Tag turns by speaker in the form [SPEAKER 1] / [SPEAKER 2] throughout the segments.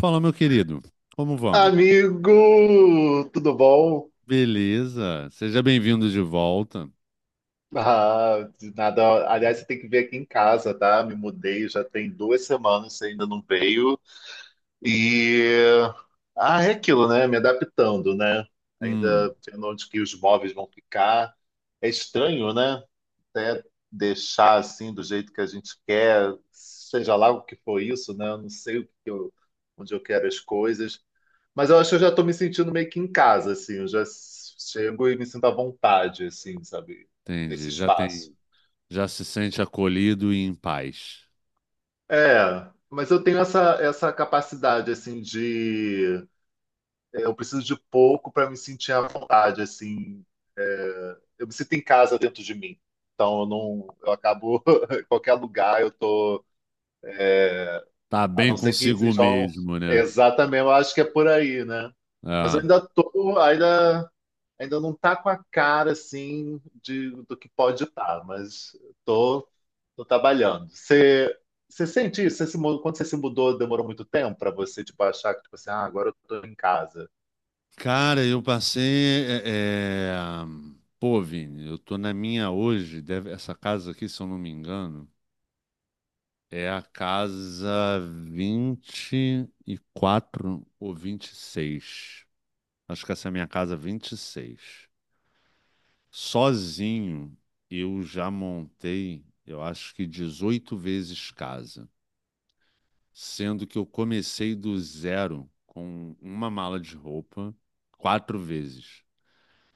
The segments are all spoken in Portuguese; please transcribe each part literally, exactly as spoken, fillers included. [SPEAKER 1] Fala, meu querido. Como vamos?
[SPEAKER 2] Amigo, tudo bom?
[SPEAKER 1] Beleza. Seja bem-vindo de volta.
[SPEAKER 2] Ah, de nada. Aliás, você tem que vir aqui em casa, tá? Me mudei já tem duas semanas, você ainda não veio. E ah, É aquilo, né? Me adaptando, né?
[SPEAKER 1] Hum,
[SPEAKER 2] Ainda vendo onde que os móveis vão ficar. É estranho, né? Até deixar assim do jeito que a gente quer, seja lá o que for isso, né? Eu não sei o que eu- Onde eu quero as coisas. Mas eu acho que eu já estou me sentindo meio que em casa, assim. Eu já chego e me sinto à vontade, assim, sabe? Nesse
[SPEAKER 1] entendi. Já
[SPEAKER 2] espaço.
[SPEAKER 1] tem, já se sente acolhido e em paz.
[SPEAKER 2] É, mas eu tenho essa, essa capacidade, assim, de... é, Eu preciso de pouco para me sentir à vontade, assim. Eu me sinto em casa dentro de mim. Então eu não... Eu acabo... em qualquer lugar eu tô...
[SPEAKER 1] Tá
[SPEAKER 2] A
[SPEAKER 1] bem
[SPEAKER 2] não ser que
[SPEAKER 1] consigo
[SPEAKER 2] sejam...
[SPEAKER 1] mesmo, né?
[SPEAKER 2] Exatamente, eu acho que é por aí, né? Mas eu
[SPEAKER 1] Ah.
[SPEAKER 2] ainda tô... Ainda Ainda não tá com a cara assim de, do que pode estar, mas tô, tô trabalhando. Você você sente isso? Você se mu- Quando você se mudou, demorou muito tempo para você tipo, achar que tipo assim, ah, agora eu tô em casa.
[SPEAKER 1] Cara, eu passei. é, é, Pô, Vini, eu tô na minha hoje. deve- Essa casa aqui, se eu não me engano, é a casa vinte e quatro ou vinte e seis. Acho que essa é a minha casa vinte e seis. Sozinho, eu já montei, eu acho que dezoito vezes casa, sendo que eu comecei do zero com uma mala de roupa quatro vezes.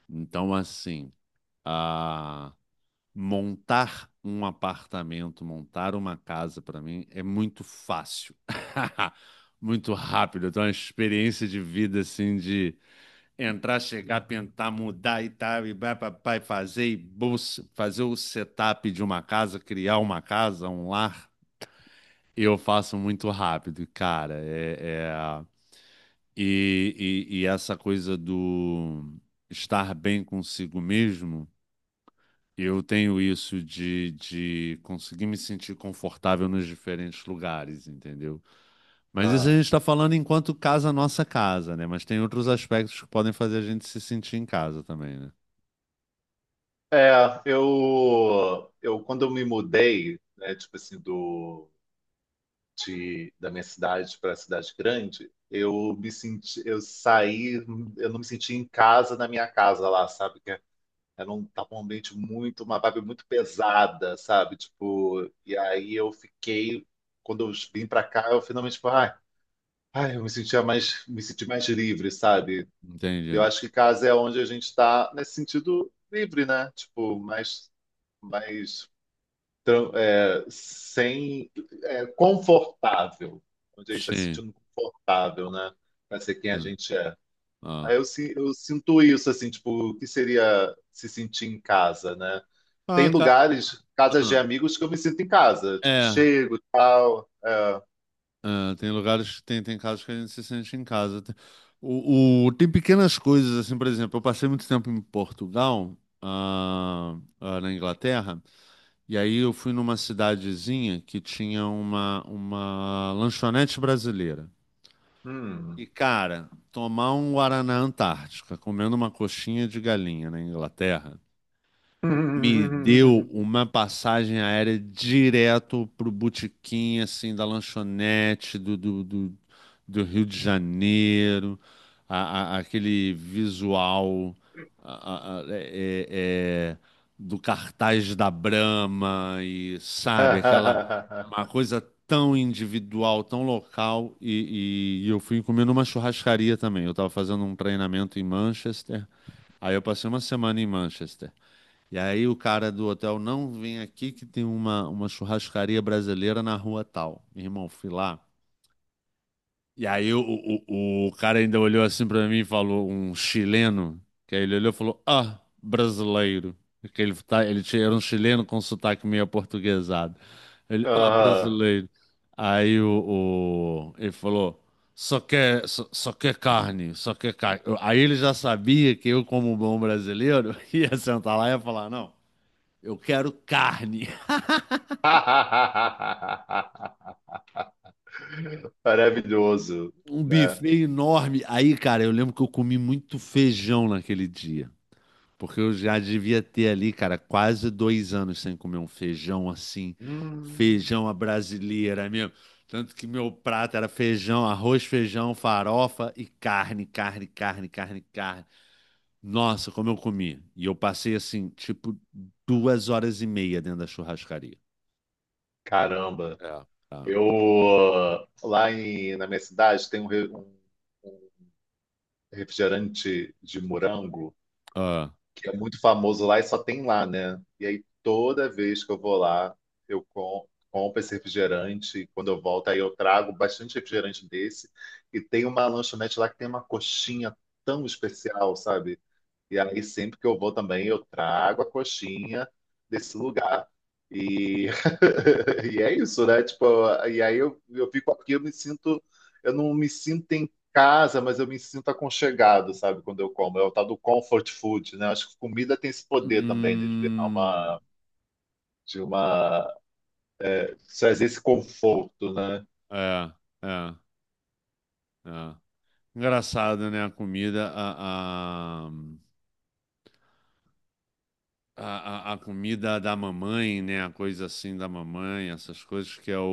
[SPEAKER 1] Então, assim, a montar um apartamento, montar uma casa para mim é muito fácil, muito rápido. Então, é uma experiência de vida assim de entrar, chegar, pintar, mudar e tal, e vai pra pai fazer, e bolsa- fazer o setup de uma casa, criar uma casa, um lar, eu faço muito rápido, cara. É, é- E, e, e essa coisa do estar bem consigo mesmo, eu tenho isso de, de conseguir me sentir confortável nos diferentes lugares, entendeu? Mas isso a
[SPEAKER 2] Ah,
[SPEAKER 1] gente está falando enquanto casa nossa casa, né? Mas tem outros aspectos que podem fazer a gente se sentir em casa também, né?
[SPEAKER 2] é, eu, eu quando eu me mudei, né, tipo assim, do, de, da minha cidade para a cidade grande, eu me senti, eu saí, eu não me senti em casa na minha casa lá, sabe? Era um, tava um ambiente muito, uma vibe muito pesada, sabe? Tipo, e aí eu fiquei, quando eu vim pra cá, eu finalmente, tipo, ai, ai, eu me sentia mais, me senti mais livre, sabe? Eu
[SPEAKER 1] Entendi.
[SPEAKER 2] acho que casa é onde a gente tá nesse sentido livre, né? Tipo, mais, mais, tran- é, sem, é, confortável. Onde a gente tá se
[SPEAKER 1] Sim.
[SPEAKER 2] sentindo confortável, né? Pra ser quem a
[SPEAKER 1] Hum.
[SPEAKER 2] gente é.
[SPEAKER 1] Ah,
[SPEAKER 2] Aí eu, si- eu sinto isso, assim, tipo, o que seria se sentir em casa, né? Tem
[SPEAKER 1] ah, ca-
[SPEAKER 2] lugares, casas de
[SPEAKER 1] ah,
[SPEAKER 2] amigos, que eu me sinto em casa. Tipo,
[SPEAKER 1] é.
[SPEAKER 2] chego e tal. É.
[SPEAKER 1] é, tem lugares, tem, tem casos que a gente se sente em casa. Tem- O, o- tem pequenas coisas, assim, por exemplo, eu passei muito tempo em Portugal, ah, ah, na Inglaterra, e aí eu fui numa cidadezinha que tinha uma, uma lanchonete brasileira.
[SPEAKER 2] Hum.
[SPEAKER 1] E, cara, tomar um Guaraná Antártica comendo uma coxinha de galinha na Inglaterra. Me deu uma passagem aérea direto pro botequim, assim, da lanchonete do, do, do, do Rio de Janeiro, a- a- aquele visual a- a- é- é- é, do cartaz da Brahma e, sabe, aquela uma coisa tão individual, tão local, e, e- e eu fui comer numa churrascaria também. Eu estava fazendo um treinamento em Manchester, aí eu passei uma semana em Manchester. E aí o cara do hotel, não, vem aqui que tem uma, uma churrascaria brasileira na rua tal. Meu irmão, fui lá. E aí o, o, o cara ainda olhou assim pra mim e falou, um chileno, que aí ele olhou e falou, ah, brasileiro. Porque ele, tá, ele tinha- era um chileno com sotaque meio aportuguesado. Ele, ah,
[SPEAKER 2] Aham.
[SPEAKER 1] brasileiro. Aí o, o- ele falou, só quer, só, só quer carne, só quer carne. Eu- Aí ele já sabia que eu, como bom brasileiro, ia sentar lá e ia falar, não. Eu quero carne.
[SPEAKER 2] Maravilhoso,
[SPEAKER 1] Um
[SPEAKER 2] né?
[SPEAKER 1] buffet enorme. Aí, cara, eu lembro que eu comi muito feijão naquele dia. Porque eu já devia ter ali, cara, quase dois anos sem comer um feijão assim.
[SPEAKER 2] Hum.
[SPEAKER 1] Feijão à brasileira mesmo. Tanto que meu prato era feijão, arroz, feijão, farofa e carne, carne, carne, carne, carne. Nossa, como eu comi. E eu passei assim, tipo, duas horas e meia dentro da churrascaria.
[SPEAKER 2] Caramba.
[SPEAKER 1] É. Tá?
[SPEAKER 2] Eu, lá em, na minha cidade, tem um, re- um refrigerante de morango
[SPEAKER 1] Ah.
[SPEAKER 2] que é muito famoso lá e só tem lá, né? E aí toda vez que eu vou lá, eu com- compro esse refrigerante e quando eu volto aí eu trago bastante refrigerante desse e tem uma lanchonete lá que tem uma coxinha tão especial, sabe? E aí, sempre que eu vou também, eu trago a coxinha desse lugar. E, e é isso, né? Tipo, e aí eu, eu fico aqui, eu me sinto, eu não me sinto em casa, mas eu me sinto aconchegado, sabe? Quando eu como. É o tal do comfort food, né? Acho que comida tem esse poder também, né? De virar
[SPEAKER 1] Hum.
[SPEAKER 2] uma, de uma, de trazer esse conforto, né?
[SPEAKER 1] É, é, é. Engraçado, né? A comida, a, a, a, a- comida da mamãe, né? A coisa assim da mamãe, essas coisas que é o,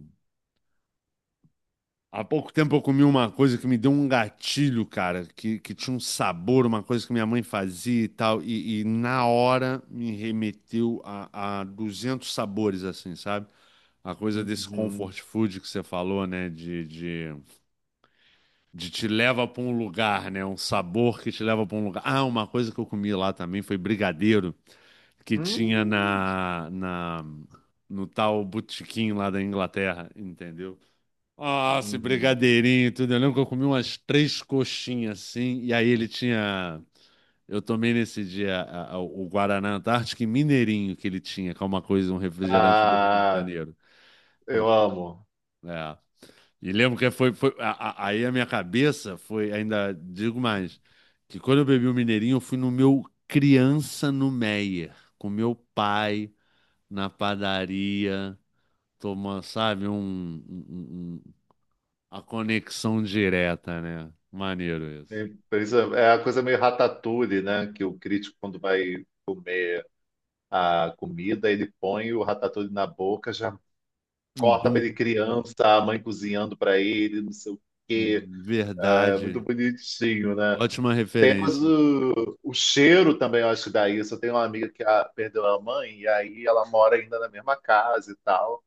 [SPEAKER 1] o- Há pouco tempo eu comi uma coisa que me deu um gatilho, cara, que, que tinha um sabor, uma coisa que minha mãe fazia e tal, e, e na hora me remeteu a, a duzentos sabores, assim, sabe? A coisa desse
[SPEAKER 2] Uhum.
[SPEAKER 1] comfort food que você falou, né? De, de de te leva para um lugar, né? Um sabor que te leva para um lugar. Ah, uma coisa que eu comi lá também foi brigadeiro que tinha
[SPEAKER 2] Hum,
[SPEAKER 1] na, na no tal botequim lá da Inglaterra, entendeu? Ah, esse
[SPEAKER 2] uhum.
[SPEAKER 1] brigadeirinho, e tudo. Eu lembro que eu comi umas três coxinhas assim, e aí ele tinha. Eu tomei nesse dia a- a- o Guaraná Antártico e Mineirinho que ele tinha, que é uma coisa, um refrigerante do Rio de
[SPEAKER 2] Ah,
[SPEAKER 1] Janeiro.
[SPEAKER 2] eu amo.
[SPEAKER 1] É. E lembro que foi, foi a- a- aí a minha cabeça foi, ainda digo mais, que quando eu bebi o Mineirinho, eu fui no meu criança no Meyer, com meu pai na padaria, tomando, sabe, um, um- um- a conexão direta, né? Maneiro isso.
[SPEAKER 2] E por isso é a coisa meio ratatouille, né? Que o crítico, quando vai comer a comida, ele põe o ratatouille na boca, já corta para ele
[SPEAKER 1] Bum,
[SPEAKER 2] criança, a mãe cozinhando para ele, não sei o quê.
[SPEAKER 1] hum,
[SPEAKER 2] É muito
[SPEAKER 1] verdade.
[SPEAKER 2] bonitinho, né?
[SPEAKER 1] Ótima
[SPEAKER 2] Tem a coisa
[SPEAKER 1] referência.
[SPEAKER 2] do o cheiro também, eu acho que dá isso. Eu tenho uma amiga que a- perdeu a mãe, e aí ela mora ainda na mesma casa e tal.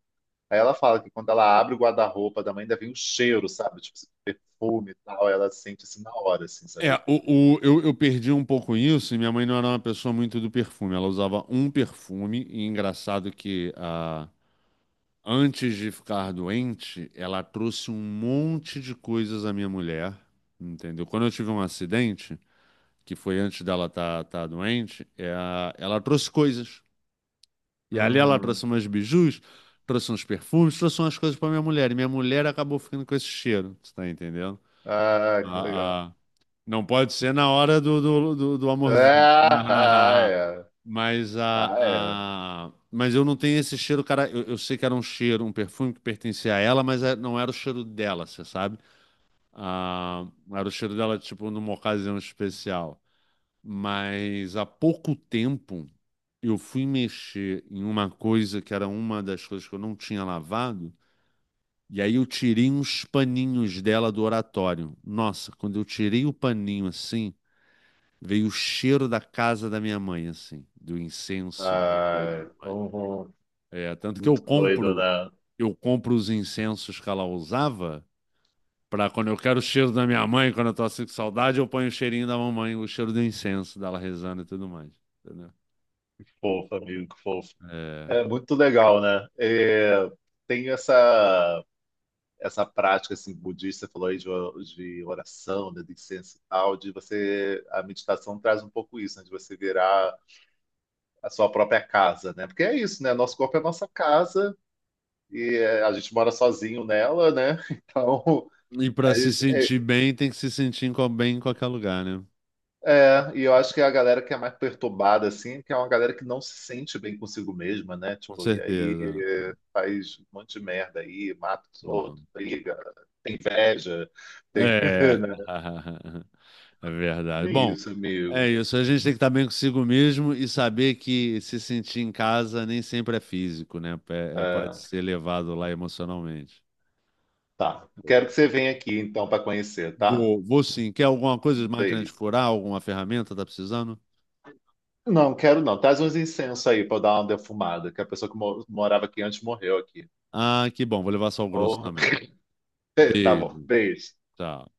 [SPEAKER 2] Aí ela fala que quando ela abre o guarda-roupa da mãe, ainda vem o cheiro, sabe? Tipo, esse perfume e tal. Ela sente assim na hora, assim,
[SPEAKER 1] É,
[SPEAKER 2] sabe?
[SPEAKER 1] o, o- eu, eu perdi um pouco isso e minha mãe não era uma pessoa muito do perfume. Ela usava um perfume, e engraçado que a antes de ficar doente, ela trouxe um monte de coisas à minha mulher, entendeu? Quando eu tive um acidente, que foi antes dela estar tá, tá doente, é ela trouxe coisas. E ali ela
[SPEAKER 2] Hum.
[SPEAKER 1] trouxe umas bijus, trouxe uns perfumes, trouxe umas coisas para minha mulher. E minha mulher acabou ficando com esse cheiro, você tá entendendo?
[SPEAKER 2] Ah, que legal.
[SPEAKER 1] A, não pode ser na hora do, do, do, do amorzinho. Ah,
[SPEAKER 2] Ah,
[SPEAKER 1] ah, ah, ah.
[SPEAKER 2] é.
[SPEAKER 1] Mas, a,
[SPEAKER 2] Ah, é.
[SPEAKER 1] a... mas eu não tenho esse cheiro, cara. Eu, eu sei que era um cheiro, um perfume que pertencia a ela, mas é- não era o cheiro dela, você sabe? Ah, era o cheiro dela, tipo, numa ocasião especial. Mas há pouco tempo eu fui mexer em uma coisa que era uma das coisas que eu não tinha lavado. E aí eu tirei uns paninhos dela do oratório. Nossa, quando eu tirei o paninho assim. Veio o cheiro da casa da minha mãe, assim, do incenso dela e
[SPEAKER 2] Ah,
[SPEAKER 1] tudo
[SPEAKER 2] é.
[SPEAKER 1] mais.
[SPEAKER 2] Uhum.
[SPEAKER 1] É, tanto que eu
[SPEAKER 2] Muito doido,
[SPEAKER 1] compro,
[SPEAKER 2] né?
[SPEAKER 1] eu compro os incensos que ela usava para quando eu quero o cheiro da minha mãe, quando eu tô assim com saudade, eu ponho o cheirinho da mamãe, o cheiro do incenso dela rezando e tudo mais. Entendeu?
[SPEAKER 2] Que fofo, amigo, que fofo.
[SPEAKER 1] É.
[SPEAKER 2] É muito legal, né? É, tem essa, essa prática assim, budista, você falou aí de, o- de oração, né, de incenso e tal, de você. A meditação traz um pouco isso, né, de você virar a sua própria casa, né? Porque é isso, né? Nosso corpo é nossa casa e é, a gente mora sozinho nela, né? Então.
[SPEAKER 1] E para
[SPEAKER 2] A
[SPEAKER 1] se
[SPEAKER 2] gente, é,
[SPEAKER 1] sentir bem, tem que se sentir em co- bem em qualquer lugar, né?
[SPEAKER 2] É, e eu acho que é a galera que é mais perturbada, assim, que é uma galera que não se sente bem consigo mesma, né?
[SPEAKER 1] Com
[SPEAKER 2] Tipo, e aí
[SPEAKER 1] certeza.
[SPEAKER 2] eh, faz um monte de merda aí, mata os outros, briga, tem inveja, tem.
[SPEAKER 1] É,
[SPEAKER 2] né?
[SPEAKER 1] é verdade.
[SPEAKER 2] É
[SPEAKER 1] Bom,
[SPEAKER 2] isso,
[SPEAKER 1] é
[SPEAKER 2] amigo.
[SPEAKER 1] isso. A gente tem que estar bem consigo mesmo e saber que se sentir em casa nem sempre é físico, né? É- é- pode
[SPEAKER 2] É,
[SPEAKER 1] ser levado lá emocionalmente.
[SPEAKER 2] tá. Quero que
[SPEAKER 1] Boa.
[SPEAKER 2] você venha aqui, então, para conhecer, tá?
[SPEAKER 1] Vou, vou sim. Quer alguma coisa de máquina
[SPEAKER 2] Beijo.
[SPEAKER 1] de furar? Alguma ferramenta? Tá precisando?
[SPEAKER 2] Não, quero não. Traz uns incensos aí para eu dar uma defumada, que a pessoa que mo- morava aqui antes morreu aqui.
[SPEAKER 1] Ah, que bom. Vou levar sal grosso
[SPEAKER 2] Oh.
[SPEAKER 1] também.
[SPEAKER 2] Tá bom,
[SPEAKER 1] Beijo.
[SPEAKER 2] beijo.
[SPEAKER 1] Tchau.